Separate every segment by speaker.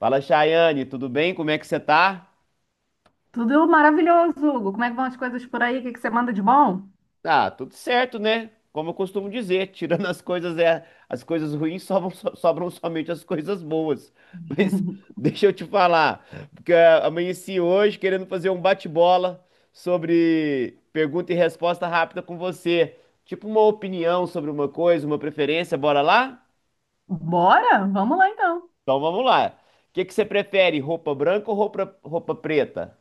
Speaker 1: Fala, Chayane, tudo bem? Como é que você tá?
Speaker 2: Tudo maravilhoso, Hugo. Como é que vão as coisas por aí? O que que você manda de bom?
Speaker 1: Ah, tudo certo, né? Como eu costumo dizer, tirando as coisas ruins, sobram somente as coisas boas. Mas deixa eu te falar, porque amanheci hoje querendo fazer um bate-bola sobre pergunta e resposta rápida com você. Tipo uma opinião sobre uma coisa, uma preferência, bora lá?
Speaker 2: Bora? Vamos lá então.
Speaker 1: Então vamos lá. O que que você prefere, roupa branca ou roupa preta?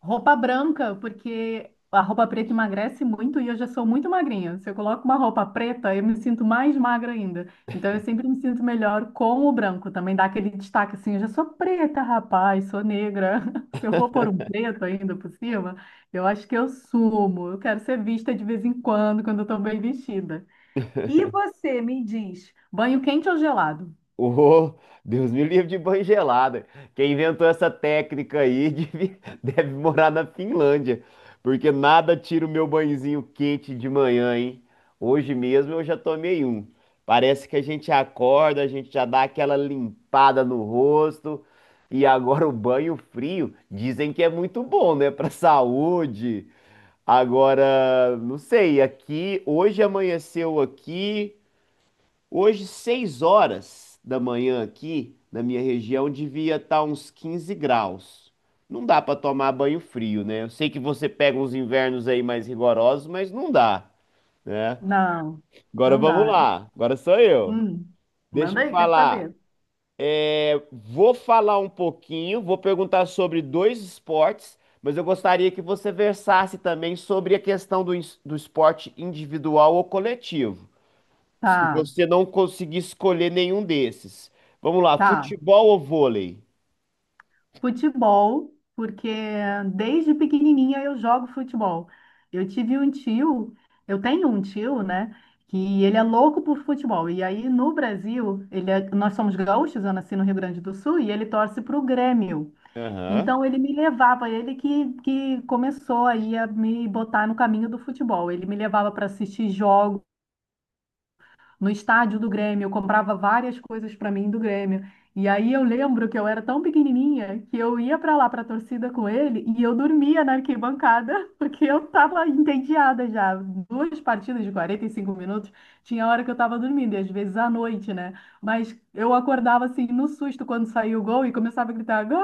Speaker 2: Roupa branca, porque a roupa preta emagrece muito e eu já sou muito magrinha. Se eu coloco uma roupa preta, eu me sinto mais magra ainda. Então eu sempre me sinto melhor com o branco. Também dá aquele destaque assim, eu já sou preta, rapaz, sou negra. Se eu for pôr um preto ainda por cima, eu acho que eu sumo. Eu quero ser vista de vez em quando, quando eu estou bem vestida. E você me diz, banho quente ou gelado?
Speaker 1: Ô, Deus me livre de banho gelado. Quem inventou essa técnica aí deve, deve morar na Finlândia, porque nada tira o meu banhozinho quente de manhã, hein? Hoje mesmo eu já tomei um. Parece que a gente acorda, a gente já dá aquela limpada no rosto, e agora o banho frio dizem que é muito bom, né, para saúde. Agora, não sei, aqui hoje amanheceu aqui. Hoje, 6h da manhã aqui na minha região, devia estar uns 15 graus. Não dá para tomar banho frio, né? Eu sei que você pega uns invernos aí mais rigorosos, mas não dá, né?
Speaker 2: Não,
Speaker 1: Agora
Speaker 2: não
Speaker 1: vamos
Speaker 2: dá.
Speaker 1: lá. Agora sou eu.
Speaker 2: Hum,
Speaker 1: Deixa
Speaker 2: manda
Speaker 1: eu
Speaker 2: aí, quer
Speaker 1: falar.
Speaker 2: saber?
Speaker 1: É, vou falar um pouquinho, vou perguntar sobre dois esportes, mas eu gostaria que você versasse também sobre a questão do esporte individual ou coletivo. Se
Speaker 2: Tá,
Speaker 1: você não conseguir escolher nenhum desses. Vamos lá,
Speaker 2: tá.
Speaker 1: futebol ou vôlei?
Speaker 2: Futebol, porque desde pequenininha eu jogo futebol. Eu tive um tio, eu tenho um tio, né, que ele é louco por futebol. E aí no Brasil, nós somos gaúchos, eu nasci no Rio Grande do Sul, e ele torce para o Grêmio.
Speaker 1: Aham.
Speaker 2: Então ele me levava, ele que começou aí a me botar no caminho do futebol. Ele me levava para assistir jogos no estádio do Grêmio, eu comprava várias coisas para mim do Grêmio. E aí eu lembro que eu era tão pequenininha que eu ia para lá para a torcida com ele e eu dormia na arquibancada porque eu estava entediada já. Duas partidas de 45 minutos, tinha hora que eu estava dormindo, e às vezes à noite, né? Mas eu acordava assim no susto quando saía o gol e começava a gritar: "Gol!"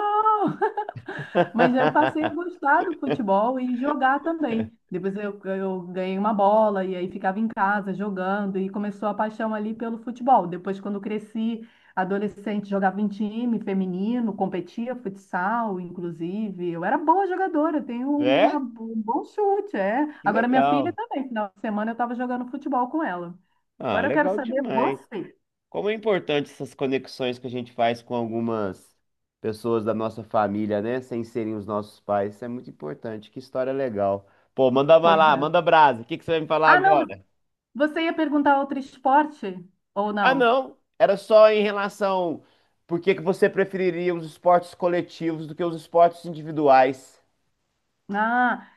Speaker 2: Mas eu passei a gostar do futebol e jogar também. Depois eu ganhei uma bola e aí ficava em casa jogando e começou a paixão ali pelo futebol. Depois, quando cresci, adolescente, jogava em time feminino, competia futsal, inclusive. Eu era boa jogadora, tenho
Speaker 1: É?
Speaker 2: um bom chute, é.
Speaker 1: Que
Speaker 2: Agora minha filha
Speaker 1: legal.
Speaker 2: também, final de semana eu estava jogando futebol com ela.
Speaker 1: Ah,
Speaker 2: Agora eu quero
Speaker 1: legal
Speaker 2: saber
Speaker 1: demais.
Speaker 2: você.
Speaker 1: Como é importante essas conexões que a gente faz com algumas pessoas da nossa família, né? Sem serem os nossos pais. Isso é muito importante. Que história legal. Pô, manda uma
Speaker 2: Pois
Speaker 1: lá,
Speaker 2: é.
Speaker 1: manda brasa. O que que você vai me falar
Speaker 2: Ah, não,
Speaker 1: agora?
Speaker 2: você ia perguntar outro esporte ou
Speaker 1: Ah,
Speaker 2: não?
Speaker 1: não. Era só em relação por que que você preferiria os esportes coletivos do que os esportes individuais?
Speaker 2: Ah.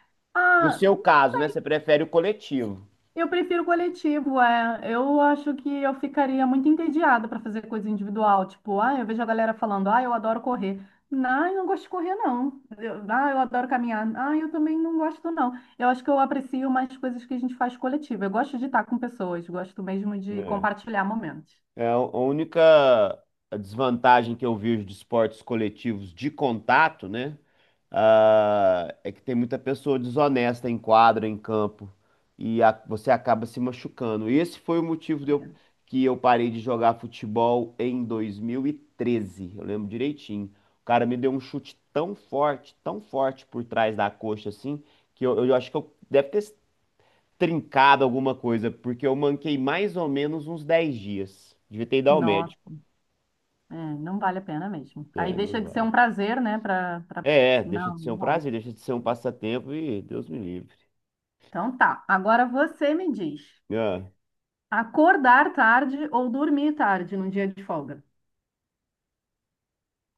Speaker 1: No
Speaker 2: Ah,
Speaker 1: seu caso, né? Você prefere o coletivo.
Speaker 2: Eu prefiro coletivo, é. Eu acho que eu ficaria muito entediada para fazer coisa individual. Tipo, ah, eu vejo a galera falando, ah, eu adoro correr. Não, eu não gosto de correr, não. Ah, eu adoro caminhar. Ah, eu também não gosto, não. Eu acho que eu aprecio mais coisas que a gente faz coletivo. Eu gosto de estar com pessoas, gosto mesmo de
Speaker 1: Né?
Speaker 2: compartilhar momentos.
Speaker 1: É a única desvantagem que eu vejo de esportes coletivos de contato, né? Ah, é que tem muita pessoa desonesta em quadra, em campo, e a- você acaba se machucando. Esse foi o motivo que eu parei de jogar futebol em 2013. Eu lembro direitinho. O cara me deu um chute tão forte por trás da coxa assim, que eu acho que eu deve ter trincado alguma coisa, porque eu manquei mais ou menos uns 10 dias. Devia ter ido ao
Speaker 2: Nossa,
Speaker 1: médico.
Speaker 2: é, não vale a pena mesmo. Aí
Speaker 1: É, não
Speaker 2: deixa de ser
Speaker 1: vale.
Speaker 2: um prazer, né? Pra, pra...
Speaker 1: É, é, deixa de
Speaker 2: Não,
Speaker 1: ser
Speaker 2: não
Speaker 1: um
Speaker 2: rola.
Speaker 1: prazer, deixa de ser um passatempo e Deus me livre.
Speaker 2: Então tá, agora você me diz.
Speaker 1: Ah,
Speaker 2: Acordar tarde ou dormir tarde num dia de folga?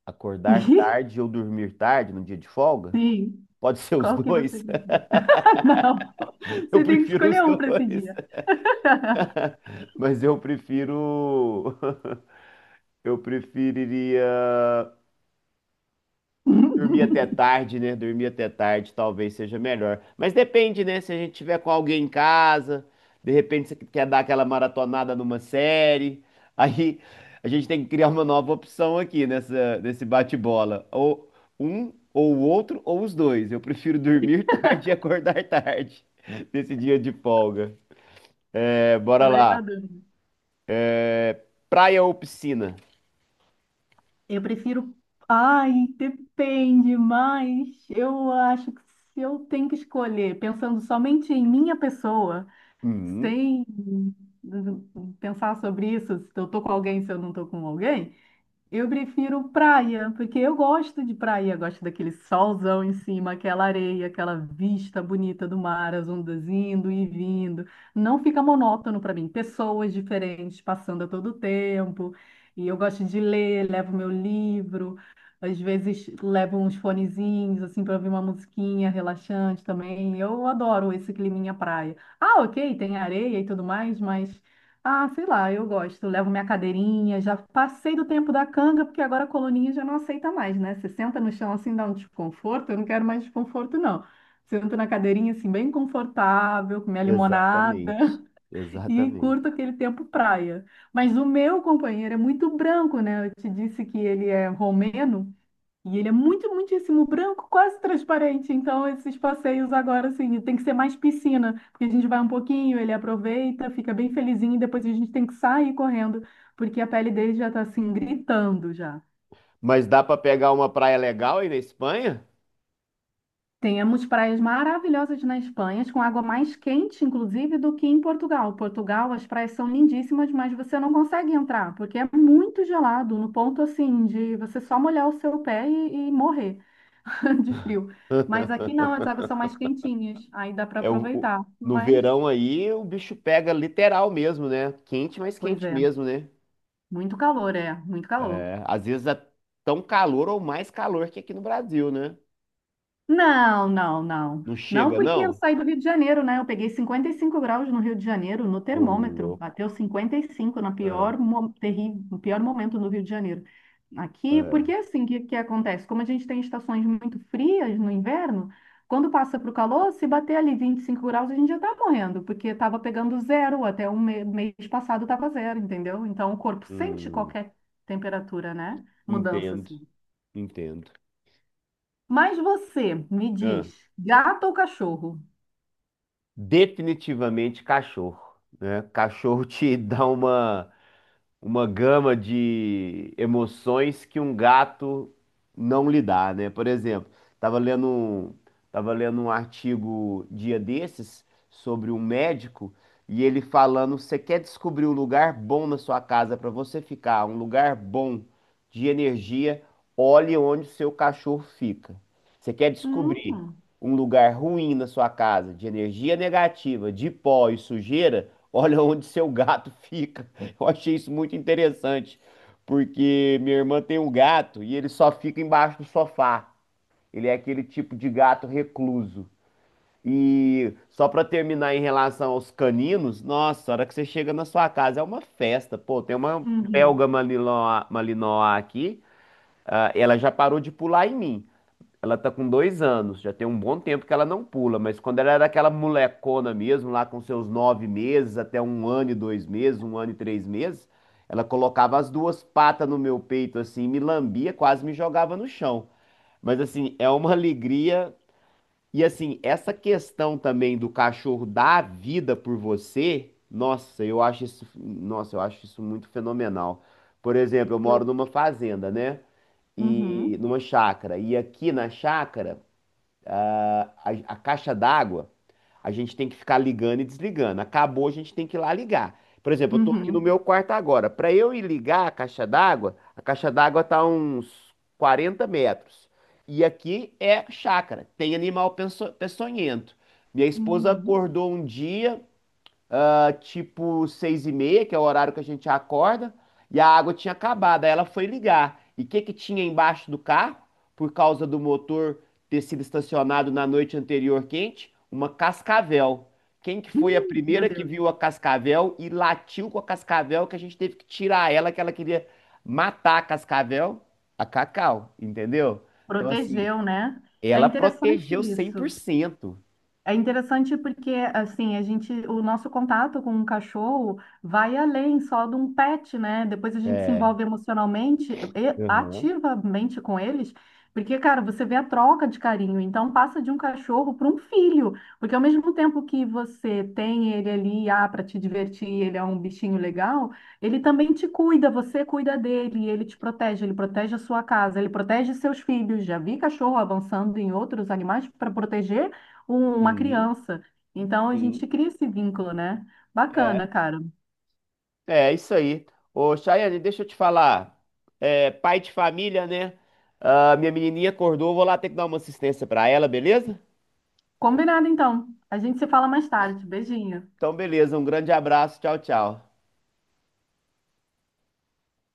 Speaker 1: acordar tarde ou dormir tarde no dia de folga?
Speaker 2: Sim.
Speaker 1: Pode ser os
Speaker 2: Qual que você
Speaker 1: dois.
Speaker 2: prefere? Não.
Speaker 1: Eu
Speaker 2: Você tem que
Speaker 1: prefiro os
Speaker 2: escolher um para esse
Speaker 1: dois,
Speaker 2: dia.
Speaker 1: mas eu prefiro. Eu preferiria. Dormir até tarde, né? Dormir até tarde talvez seja melhor. Mas depende, né? Se a gente tiver com alguém em casa, de repente você quer dar aquela maratonada numa série, aí a gente tem que criar uma nova opção aqui nesse bate-bola. Ou um, ou o outro, ou os dois. Eu prefiro dormir tarde e acordar tarde nesse dia de folga. É,
Speaker 2: Fica
Speaker 1: bora
Speaker 2: meio na
Speaker 1: lá.
Speaker 2: dúvida.
Speaker 1: É, praia ou piscina?
Speaker 2: Eu prefiro. Ai, depende, mas eu acho que se eu tenho que escolher, pensando somente em minha pessoa,
Speaker 1: Hum,
Speaker 2: sem pensar sobre isso, se eu tô com alguém, se eu não tô com alguém. Eu prefiro praia, porque eu gosto de praia, gosto daquele solzão em cima, aquela areia, aquela vista bonita do mar, as ondas indo e vindo. Não fica monótono para mim. Pessoas diferentes passando a todo tempo. E eu gosto de ler, levo meu livro, às vezes levo uns fonezinhos assim para ouvir uma musiquinha relaxante também. Eu adoro esse climinha praia. Ah, ok, tem areia e tudo mais, mas ah, sei lá, eu gosto. Eu Levo minha cadeirinha, já passei do tempo da canga, porque agora a coluninha já não aceita mais, né? Você senta no chão assim, dá um desconforto, eu não quero mais desconforto, não. Sento na cadeirinha assim, bem confortável, com minha limonada
Speaker 1: exatamente.
Speaker 2: e
Speaker 1: Exatamente.
Speaker 2: curto aquele tempo praia. Mas o meu companheiro é muito branco, né? Eu te disse que ele é romeno. E ele é muito, muitíssimo branco, quase transparente. Então, esses passeios agora, assim, tem que ser mais piscina, porque a gente vai um pouquinho, ele aproveita, fica bem felizinho, e depois a gente tem que sair correndo, porque a pele dele já está assim, gritando já.
Speaker 1: Mas dá pra pegar uma praia legal aí na Espanha?
Speaker 2: Temos praias maravilhosas na Espanha, com água mais quente, inclusive, do que em Portugal. Portugal, as praias são lindíssimas, mas você não consegue entrar, porque é muito gelado, no ponto, assim, de você só molhar o seu pé e morrer. de frio. Mas aqui não, as águas são mais quentinhas, aí dá para
Speaker 1: É
Speaker 2: aproveitar.
Speaker 1: no
Speaker 2: Mas,
Speaker 1: verão aí o bicho pega literal mesmo, né? Quente, mas
Speaker 2: pois
Speaker 1: quente
Speaker 2: é,
Speaker 1: mesmo, né?
Speaker 2: muito calor, é, muito calor.
Speaker 1: É, às vezes é tão calor ou mais calor que aqui no Brasil, né?
Speaker 2: Não, não, não.
Speaker 1: Não
Speaker 2: Não,
Speaker 1: chega,
Speaker 2: porque eu
Speaker 1: não?
Speaker 2: saí do Rio de Janeiro, né? Eu peguei 55 graus no Rio de Janeiro, no
Speaker 1: Ô,
Speaker 2: termômetro.
Speaker 1: louco.
Speaker 2: Bateu 55 no
Speaker 1: Ah,
Speaker 2: pior, no pior momento no Rio de Janeiro. Aqui,
Speaker 1: ah,
Speaker 2: porque assim, o que, que acontece? Como a gente tem estações muito frias no inverno, quando passa para o calor, se bater ali 25 graus, a gente já está morrendo, porque estava pegando zero, até mês passado estava zero, entendeu? Então, o corpo sente
Speaker 1: hum,
Speaker 2: qualquer temperatura, né? Mudança,
Speaker 1: Entendo,
Speaker 2: assim.
Speaker 1: entendo.
Speaker 2: Mas você me
Speaker 1: Ah,
Speaker 2: diz, gato ou cachorro?
Speaker 1: definitivamente cachorro, né? Cachorro te dá uma gama de emoções que um gato não lhe dá, né? Por exemplo, estava tava lendo um artigo dia desses sobre um médico e ele falando: você quer descobrir um lugar bom na sua casa para você ficar, um lugar bom de energia, olhe onde o seu cachorro fica. Você quer descobrir
Speaker 2: Hum,
Speaker 1: um lugar ruim na sua casa, de energia negativa, de pó e sujeira, olha onde seu gato fica. Eu achei isso muito interessante, porque minha irmã tem um gato e ele só fica embaixo do sofá. Ele é aquele tipo de gato recluso. E só pra terminar em relação aos caninos, nossa, a hora que você chega na sua casa é uma festa. Pô, tem uma
Speaker 2: uhum.
Speaker 1: belga malinois, malinois aqui, ah, ela já parou de pular em mim. Ela tá com 2 anos, já tem um bom tempo que ela não pula, mas quando ela era aquela molecona mesmo, lá com seus 9 meses, até um ano e 2 meses, um ano e 3 meses, ela colocava as duas patas no meu peito, assim, me lambia, quase me jogava no chão. Mas, assim, é uma alegria. E, assim, essa questão também do cachorro dar a vida por você, nossa, eu acho isso, nossa, eu acho isso muito fenomenal. Por exemplo, eu moro
Speaker 2: Eu,
Speaker 1: numa fazenda, né? E
Speaker 2: uhum,
Speaker 1: numa chácara. E aqui na chácara a caixa d'água, a gente tem que ficar ligando e desligando. Acabou, a gente tem que ir lá ligar. Por exemplo, eu tô aqui no
Speaker 2: uhum,
Speaker 1: meu quarto agora. Para eu ir ligar a caixa d'água tá a uns 40 metros. E aqui é chácara, tem animal peçonhento. Minha esposa
Speaker 2: uhum.
Speaker 1: acordou um dia, tipo 6h30, que é o horário que a gente acorda, e a água tinha acabado. Aí ela foi ligar. E o que que tinha embaixo do carro? Por causa do motor ter sido estacionado na noite anterior quente, uma cascavel. Quem que foi a
Speaker 2: Meu
Speaker 1: primeira que
Speaker 2: Deus,
Speaker 1: viu a cascavel e latiu com a cascavel que a gente teve que tirar ela, que ela queria matar a cascavel? A Cacau, entendeu? Então, assim,
Speaker 2: protegeu, né? É
Speaker 1: ela
Speaker 2: interessante
Speaker 1: protegeu cem por
Speaker 2: isso.
Speaker 1: cento
Speaker 2: É interessante porque, assim, a gente, o nosso contato com um cachorro vai além só de um pet, né? Depois a gente se
Speaker 1: É.
Speaker 2: envolve emocionalmente e
Speaker 1: Uhum.
Speaker 2: ativamente com eles, porque, cara, você vê a troca de carinho. Então, passa de um cachorro para um filho, porque ao mesmo tempo que você tem ele ali, ah, para te divertir, ele é um bichinho legal, ele também te cuida, você cuida dele, ele te protege, ele protege a sua casa, ele protege seus filhos. Já vi cachorro avançando em outros animais para proteger com uma
Speaker 1: Sim,
Speaker 2: criança. Então a gente
Speaker 1: sim.
Speaker 2: cria esse vínculo, né?
Speaker 1: É.
Speaker 2: Bacana, cara.
Speaker 1: É, isso aí. Ô, Chayane, deixa eu te falar. É, pai de família, né? Ah, minha menininha acordou, vou lá ter que dar uma assistência pra ela, beleza?
Speaker 2: Combinado então. A gente se fala mais tarde. Beijinho.
Speaker 1: Então, beleza. Um grande abraço. Tchau, tchau.